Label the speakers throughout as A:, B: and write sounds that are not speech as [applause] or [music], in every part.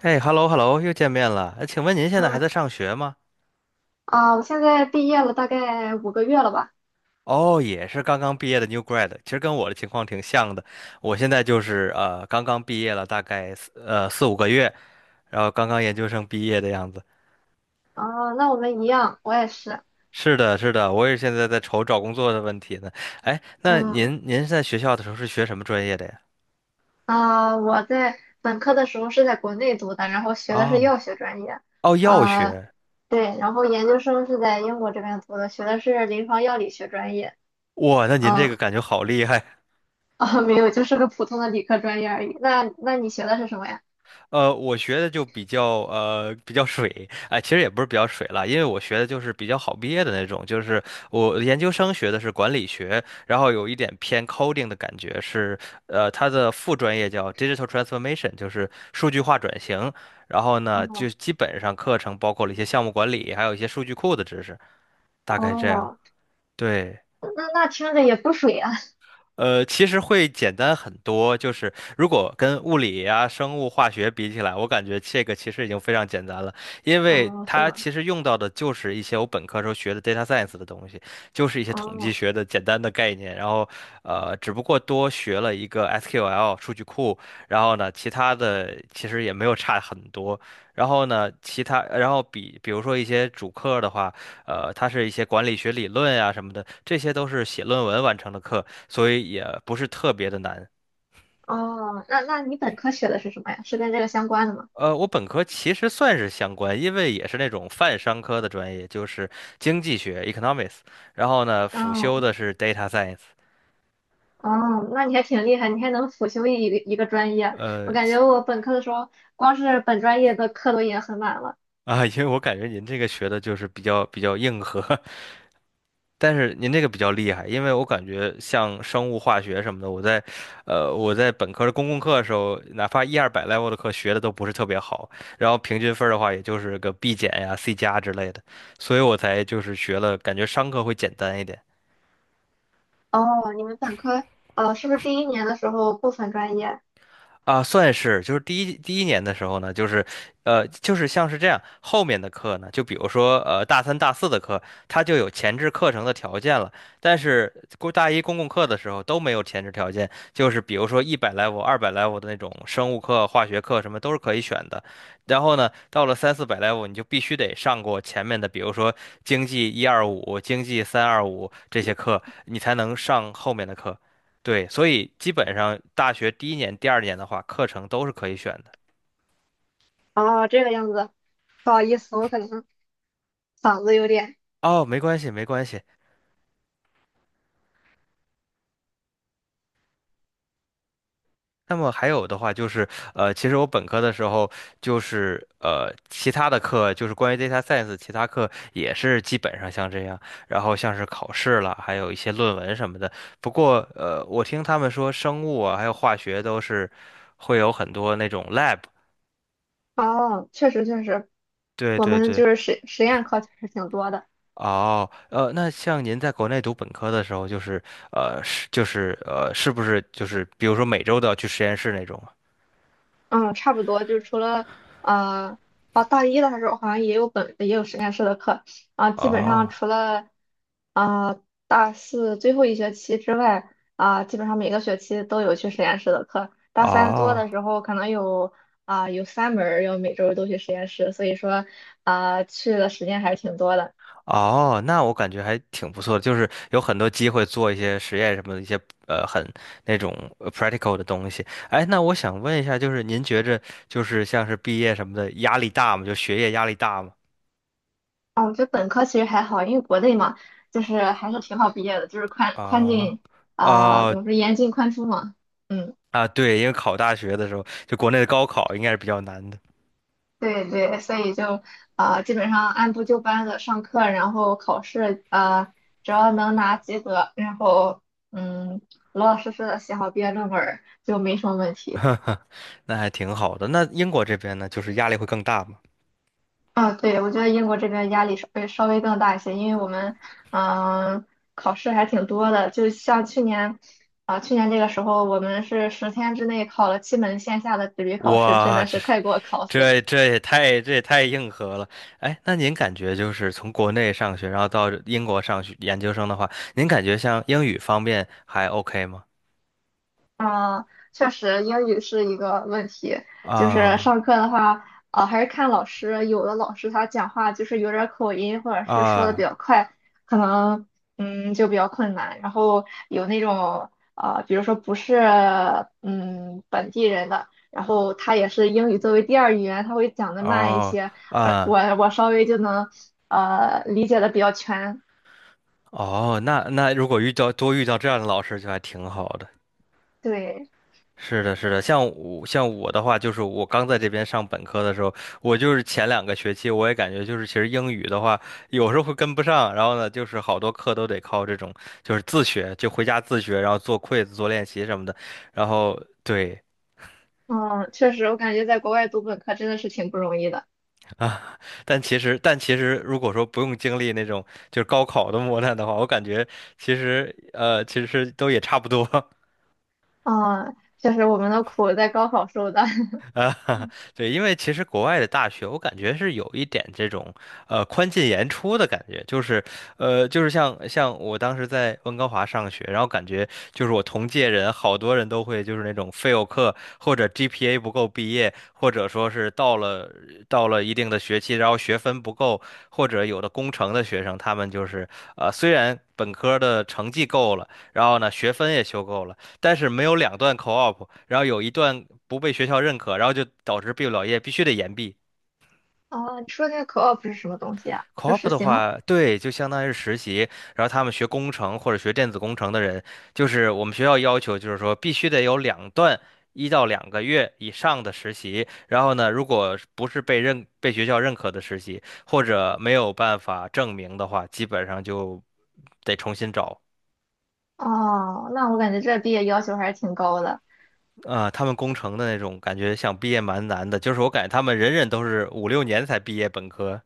A: 哎，hello hello，又见面了。哎，请问您现在还
B: 嗯
A: 在上学吗？
B: 啊，我现在毕业了大概5个月了吧？
A: 哦，也是刚刚毕业的 new grad，其实跟我的情况挺像的。我现在就是刚刚毕业了，大概四五个月，然后刚刚研究生毕业的样子。
B: 啊，那我们一样，我也是。
A: 是的，是的，我也现在在愁找工作的问题呢。哎，那
B: 嗯
A: 您在学校的时候是学什么专业的呀？
B: 啊，我在本科的时候是在国内读的，然后学的是
A: 哦
B: 药学专业。
A: 哦，药
B: 啊，
A: 学。
B: 对，然后研究生是在英国这边读的，学的是临床药理学专业。
A: 哇，那您这个
B: 嗯
A: 感觉好厉害。
B: 啊，没有，就是个普通的理科专业而已。那你学的是什么呀？
A: 我学的就比较水，哎、其实也不是比较水了，因为我学的就是比较好毕业的那种，就是我研究生学的是管理学，然后有一点偏 coding 的感觉是。它的副专业叫 digital transformation，就是数据化转型，然后呢，就
B: 哦
A: 基本上课程包括了一些项目管理，还有一些数据库的知识，大概这样，
B: 哦，
A: 对。
B: 那听着也不水啊。
A: 其实会简单很多，就是如果跟物理啊、生物、化学比起来，我感觉这个其实已经非常简单了，因为
B: 哦，是
A: 它
B: 吗？
A: 其实用到的就是一些我本科时候学的 data science 的东西，就是一些统计
B: 哦
A: 学的简单的概念，然后只不过多学了一个 SQL 数据库，然后呢，其他的其实也没有差很多，然后呢，其他然后比如说一些主课的话。它是一些管理学理论呀、什么的，这些都是写论文完成的课，所以也不是特别的难。
B: 哦，那你本科学的是什么呀？是跟这个相关的吗？
A: 我本科其实算是相关，因为也是那种泛商科的专业，就是经济学 （economics），然后呢，辅修
B: 哦
A: 的是 data science。
B: 哦，那你还挺厉害，你还能辅修一个专业。我
A: 呃，
B: 感觉我本科的时候，光是本专业的课都已经很满了。
A: [laughs] 啊，因为我感觉您这个学的就是比较硬核，但是您这个比较厉害，因为我感觉像生物化学什么的，我在，我在本科的公共课的时候，哪怕一二百 level 的课学的都不是特别好，然后平均分儿的话也就是个 B 减呀、C 加之类的，所以我才就是学了，感觉商科会简单一点。
B: 哦，你们本科，是不是第一年的时候不分专业？
A: 啊，算是，就是第一年的时候呢，就是，就是像是这样，后面的课呢，就比如说，大三、大四的课，它就有前置课程的条件了，但是大一公共课的时候都没有前置条件，就是比如说100 level、二百 level 的那种生物课、化学课什么都是可以选的，然后呢，到了三四百 level，你就必须得上过前面的，比如说经济 125、经济 325这些课，你才能上后面的课。对，所以基本上大学第一年、第二年的话，课程都是可以选的。
B: 哦，这个样子，不好意思，我可能嗓子有点。
A: 哦，没关系，没关系。那么还有的话就是，其实我本科的时候就是其他的课就是关于 data science，其他课也是基本上像这样，然后像是考试了，还有一些论文什么的。不过我听他们说生物啊，还有化学都是会有很多那种 lab。
B: 哦，确实确实，
A: 对
B: 我
A: 对
B: 们
A: 对。
B: 就是实验课确实挺多的。
A: 哦，那像您在国内读本科的时候，就是是不是就是比如说每周都要去实验室那种
B: 嗯，差不多，就除了啊哦，大一的时候好像也有也有实验室的课啊，
A: 啊？
B: 基本上除
A: 哦
B: 了啊、大四最后一学期之外基本上每个学期都有去实验室的课。大三多
A: 哦
B: 的时候可能有三门儿要每周都去实验室，所以说去的时间还是挺多的。
A: 哦，那我感觉还挺不错的，就是有很多机会做一些实验什么的一些呃很那种呃 practical 的东西。哎，那我想问一下，就是您觉着就是像是毕业什么的压力大吗？就学业压力大吗？
B: 啊，我觉得本科其实还好，因为国内嘛，就是还是挺好毕业的，就是宽宽
A: 啊
B: 进啊、怎
A: 啊
B: 么说严进宽出嘛。嗯。
A: 啊，对，因为考大学的时候，就国内的高考应该是比较难的。
B: 对对，所以就基本上按部就班的上课，然后考试，只要能拿及格，然后嗯，老老实实的写好毕业论文儿就没什么问
A: [laughs]
B: 题。
A: 哈哈，那还挺好的。那英国这边呢，就是压力会更大嘛？
B: 啊，对，我觉得英国这边压力稍微更大一些，因为我们嗯、呃考试还挺多的，就像去年这个时候我们是10天之内考了7门线下的纸
A: [laughs]
B: 笔考试，真
A: 哇，
B: 的是快给我考死了。
A: 这也太硬核了。哎，那您感觉就是从国内上学，然后到英国上学研究生的话，您感觉像英语方面还 OK 吗？
B: 啊，确实，英语是一个问题。就是
A: 啊
B: 上课的话，还是看老师。有的老师他讲话就是有点儿口音，或者是说的比
A: 啊
B: 较快，可能就比较困难。然后有那种比如说不是本地人的，然后他也是英语作为第二语言，他会讲的慢一
A: 哦
B: 些，我
A: 啊
B: 我我稍微就能理解的比较全。
A: 哦，那如果遇到这样的老师，就还挺好的。
B: 对，
A: 是的，是的，像我的话，就是我刚在这边上本科的时候，我就是前 2 个学期，我也感觉就是其实英语的话，有时候会跟不上，然后呢，就是好多课都得靠这种就是自学，就回家自学，然后做 quiz 做练习什么的，然后对。
B: 嗯，确实，我感觉在国外读本科真的是挺不容易的。
A: 啊，[laughs] 但其实如果说不用经历那种就是高考的磨难的话，我感觉其实其实都也差不多，
B: 啊，就是我们的苦在高考受的。[laughs]
A: 啊，[laughs] 对，因为其实国外的大学，我感觉是有一点这种宽进严出的感觉，就是就是像我当时在温哥华上学，然后感觉就是我同届人好多人都会就是那种 fail 课，或者 GPA 不够毕业，或者说是到了一定的学期，然后学分不够，或者有的工程的学生，他们就是虽然本科的成绩够了，然后呢学分也修够了。但是没有2 段 co-op，然后有一段不被学校认可，然后就导致毕不了业必须得延毕。
B: 啊，你说这个 co-op 是什么东西啊？是
A: co-op
B: 实
A: 的
B: 习吗？
A: 话，对，就相当于是实习，然后他们学工程或者学电子工程的人，就是我们学校要求就是说必须得有两段1 到 2 个月以上的实习，然后呢，如果是不是被学校认可的实习，或者没有办法证明的话，基本上就得重新找。
B: 哦，那我感觉这毕业要求还是挺高的。
A: 啊、他们工程的那种感觉想毕业蛮难的，就是我感觉他们人人都是5、6 年才毕业本科，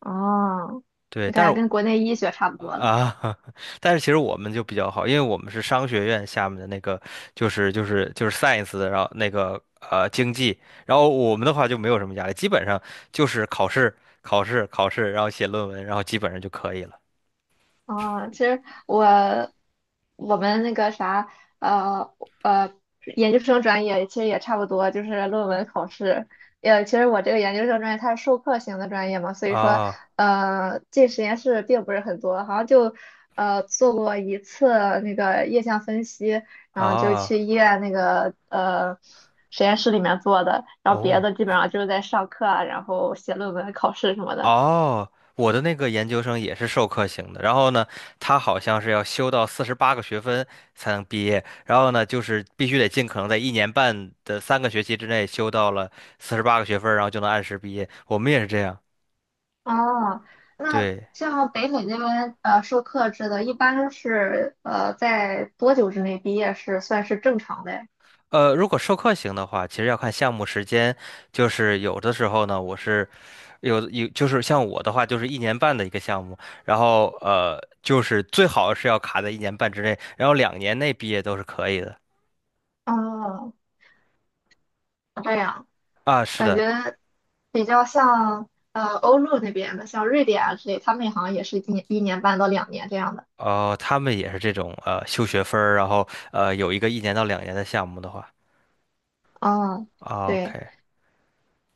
B: 哦，
A: 对，
B: 你
A: 但
B: 感
A: 是
B: 觉跟国内医学差不多了。
A: 啊，[laughs] 但是其实我们就比较好，因为我们是商学院下面的那个，就是science 的，然后那个经济，然后我们的话就没有什么压力，基本上就是考试考试考试，然后写论文，然后基本上就可以了。
B: 啊，其实我们那个啥，呃呃，研究生专业其实也差不多，就是论文考试。其实我这个研究生专业它是授课型的专业嘛，所以说
A: 啊
B: 进实验室并不是很多，好像就做过一次那个液相分析，然后就去
A: 啊
B: 医院那个实验室里面做的，然后别
A: 哦。
B: 的基本上就是在上课啊，然后写论文、考试什么的。
A: 哦，我的那个研究生也是授课型的，然后呢，他好像是要修到四十八个学分才能毕业，然后呢，就是必须得尽可能在一年半的3 个学期之内修到了四十八个学分然后就能按时毕业。我们也是这样，
B: 哦，那
A: 对。
B: 像北美那边授课制的，一般是在多久之内毕业是算是正常的呀？
A: 如果授课型的话，其实要看项目时间，就是有的时候呢，我是就是像我的话，就是一年半的一个项目，然后就是最好是要卡在一年半之内，然后两年内毕业都是可以的。
B: 哦，这样
A: 啊，是
B: 感
A: 的，
B: 觉比较像欧陆那边的，像瑞典啊之类，他们好像也是一年1年半到2年这样的。
A: 哦，他们也是这种修学分儿，然后有一个1 到 2 年的项目的话
B: 哦，
A: O
B: 对，
A: K，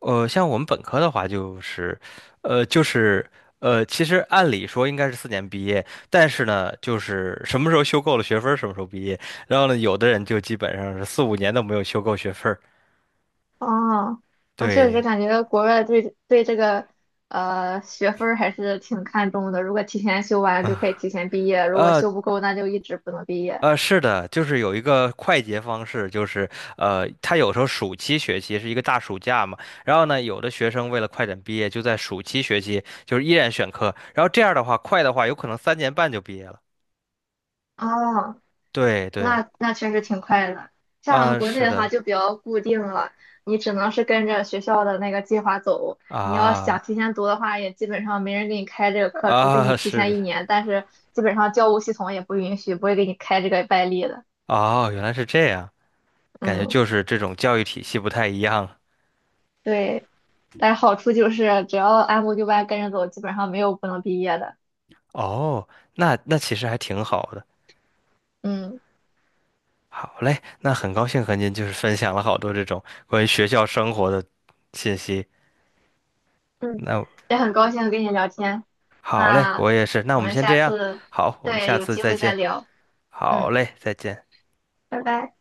A: 像我们本科的话就是，呃，就是其实按理说应该是4 年毕业，但是呢，就是什么时候修够了学分儿什么时候毕业，然后呢，有的人就基本上是4、5 年都没有修够学分儿，
B: 哦，我确实
A: 对。
B: 感觉国外对这个学分儿还是挺看重的，如果提前修完就
A: [laughs]
B: 可以提前毕业，如果
A: 啊，
B: 修不够那就一直不能毕业。
A: 是的，就是有一个快捷方式，就是他有时候暑期学期是一个大暑假嘛，然后呢，有的学生为了快点毕业，就在暑期学期就是依然选课，然后这样的话，快的话有可能3 年半就毕业了。
B: 哦，
A: 对对，
B: 那确实挺快的。像
A: 啊，
B: 国内
A: 是
B: 的话
A: 的，
B: 就比较固定了，你只能是跟着学校的那个计划走。你要想
A: 啊
B: 提前读的话，也基本上没人给你开这个课，除非你
A: 啊，
B: 提
A: 是的，
B: 前一年。但是基本上教务系统也不允许，不会给你开这个外例的。
A: 哦，原来是这样，感觉
B: 嗯，
A: 就是这种教育体系不太一样。
B: 对。但是好处就是只要按部就班跟着走，基本上没有不能毕业的。
A: 哦，那其实还挺好的。
B: 嗯
A: 好嘞，那很高兴和您就是分享了好多这种关于学校生活的信息。
B: 嗯，
A: 那
B: 也很高兴跟你聊天。
A: 好嘞，
B: 那
A: 我也是。那我
B: 我
A: 们
B: 们
A: 先
B: 下
A: 这样，
B: 次。
A: 好，我们
B: 对，
A: 下
B: 有
A: 次
B: 机
A: 再
B: 会再
A: 见。
B: 聊。
A: 好
B: 嗯，
A: 嘞，再见。
B: 拜拜。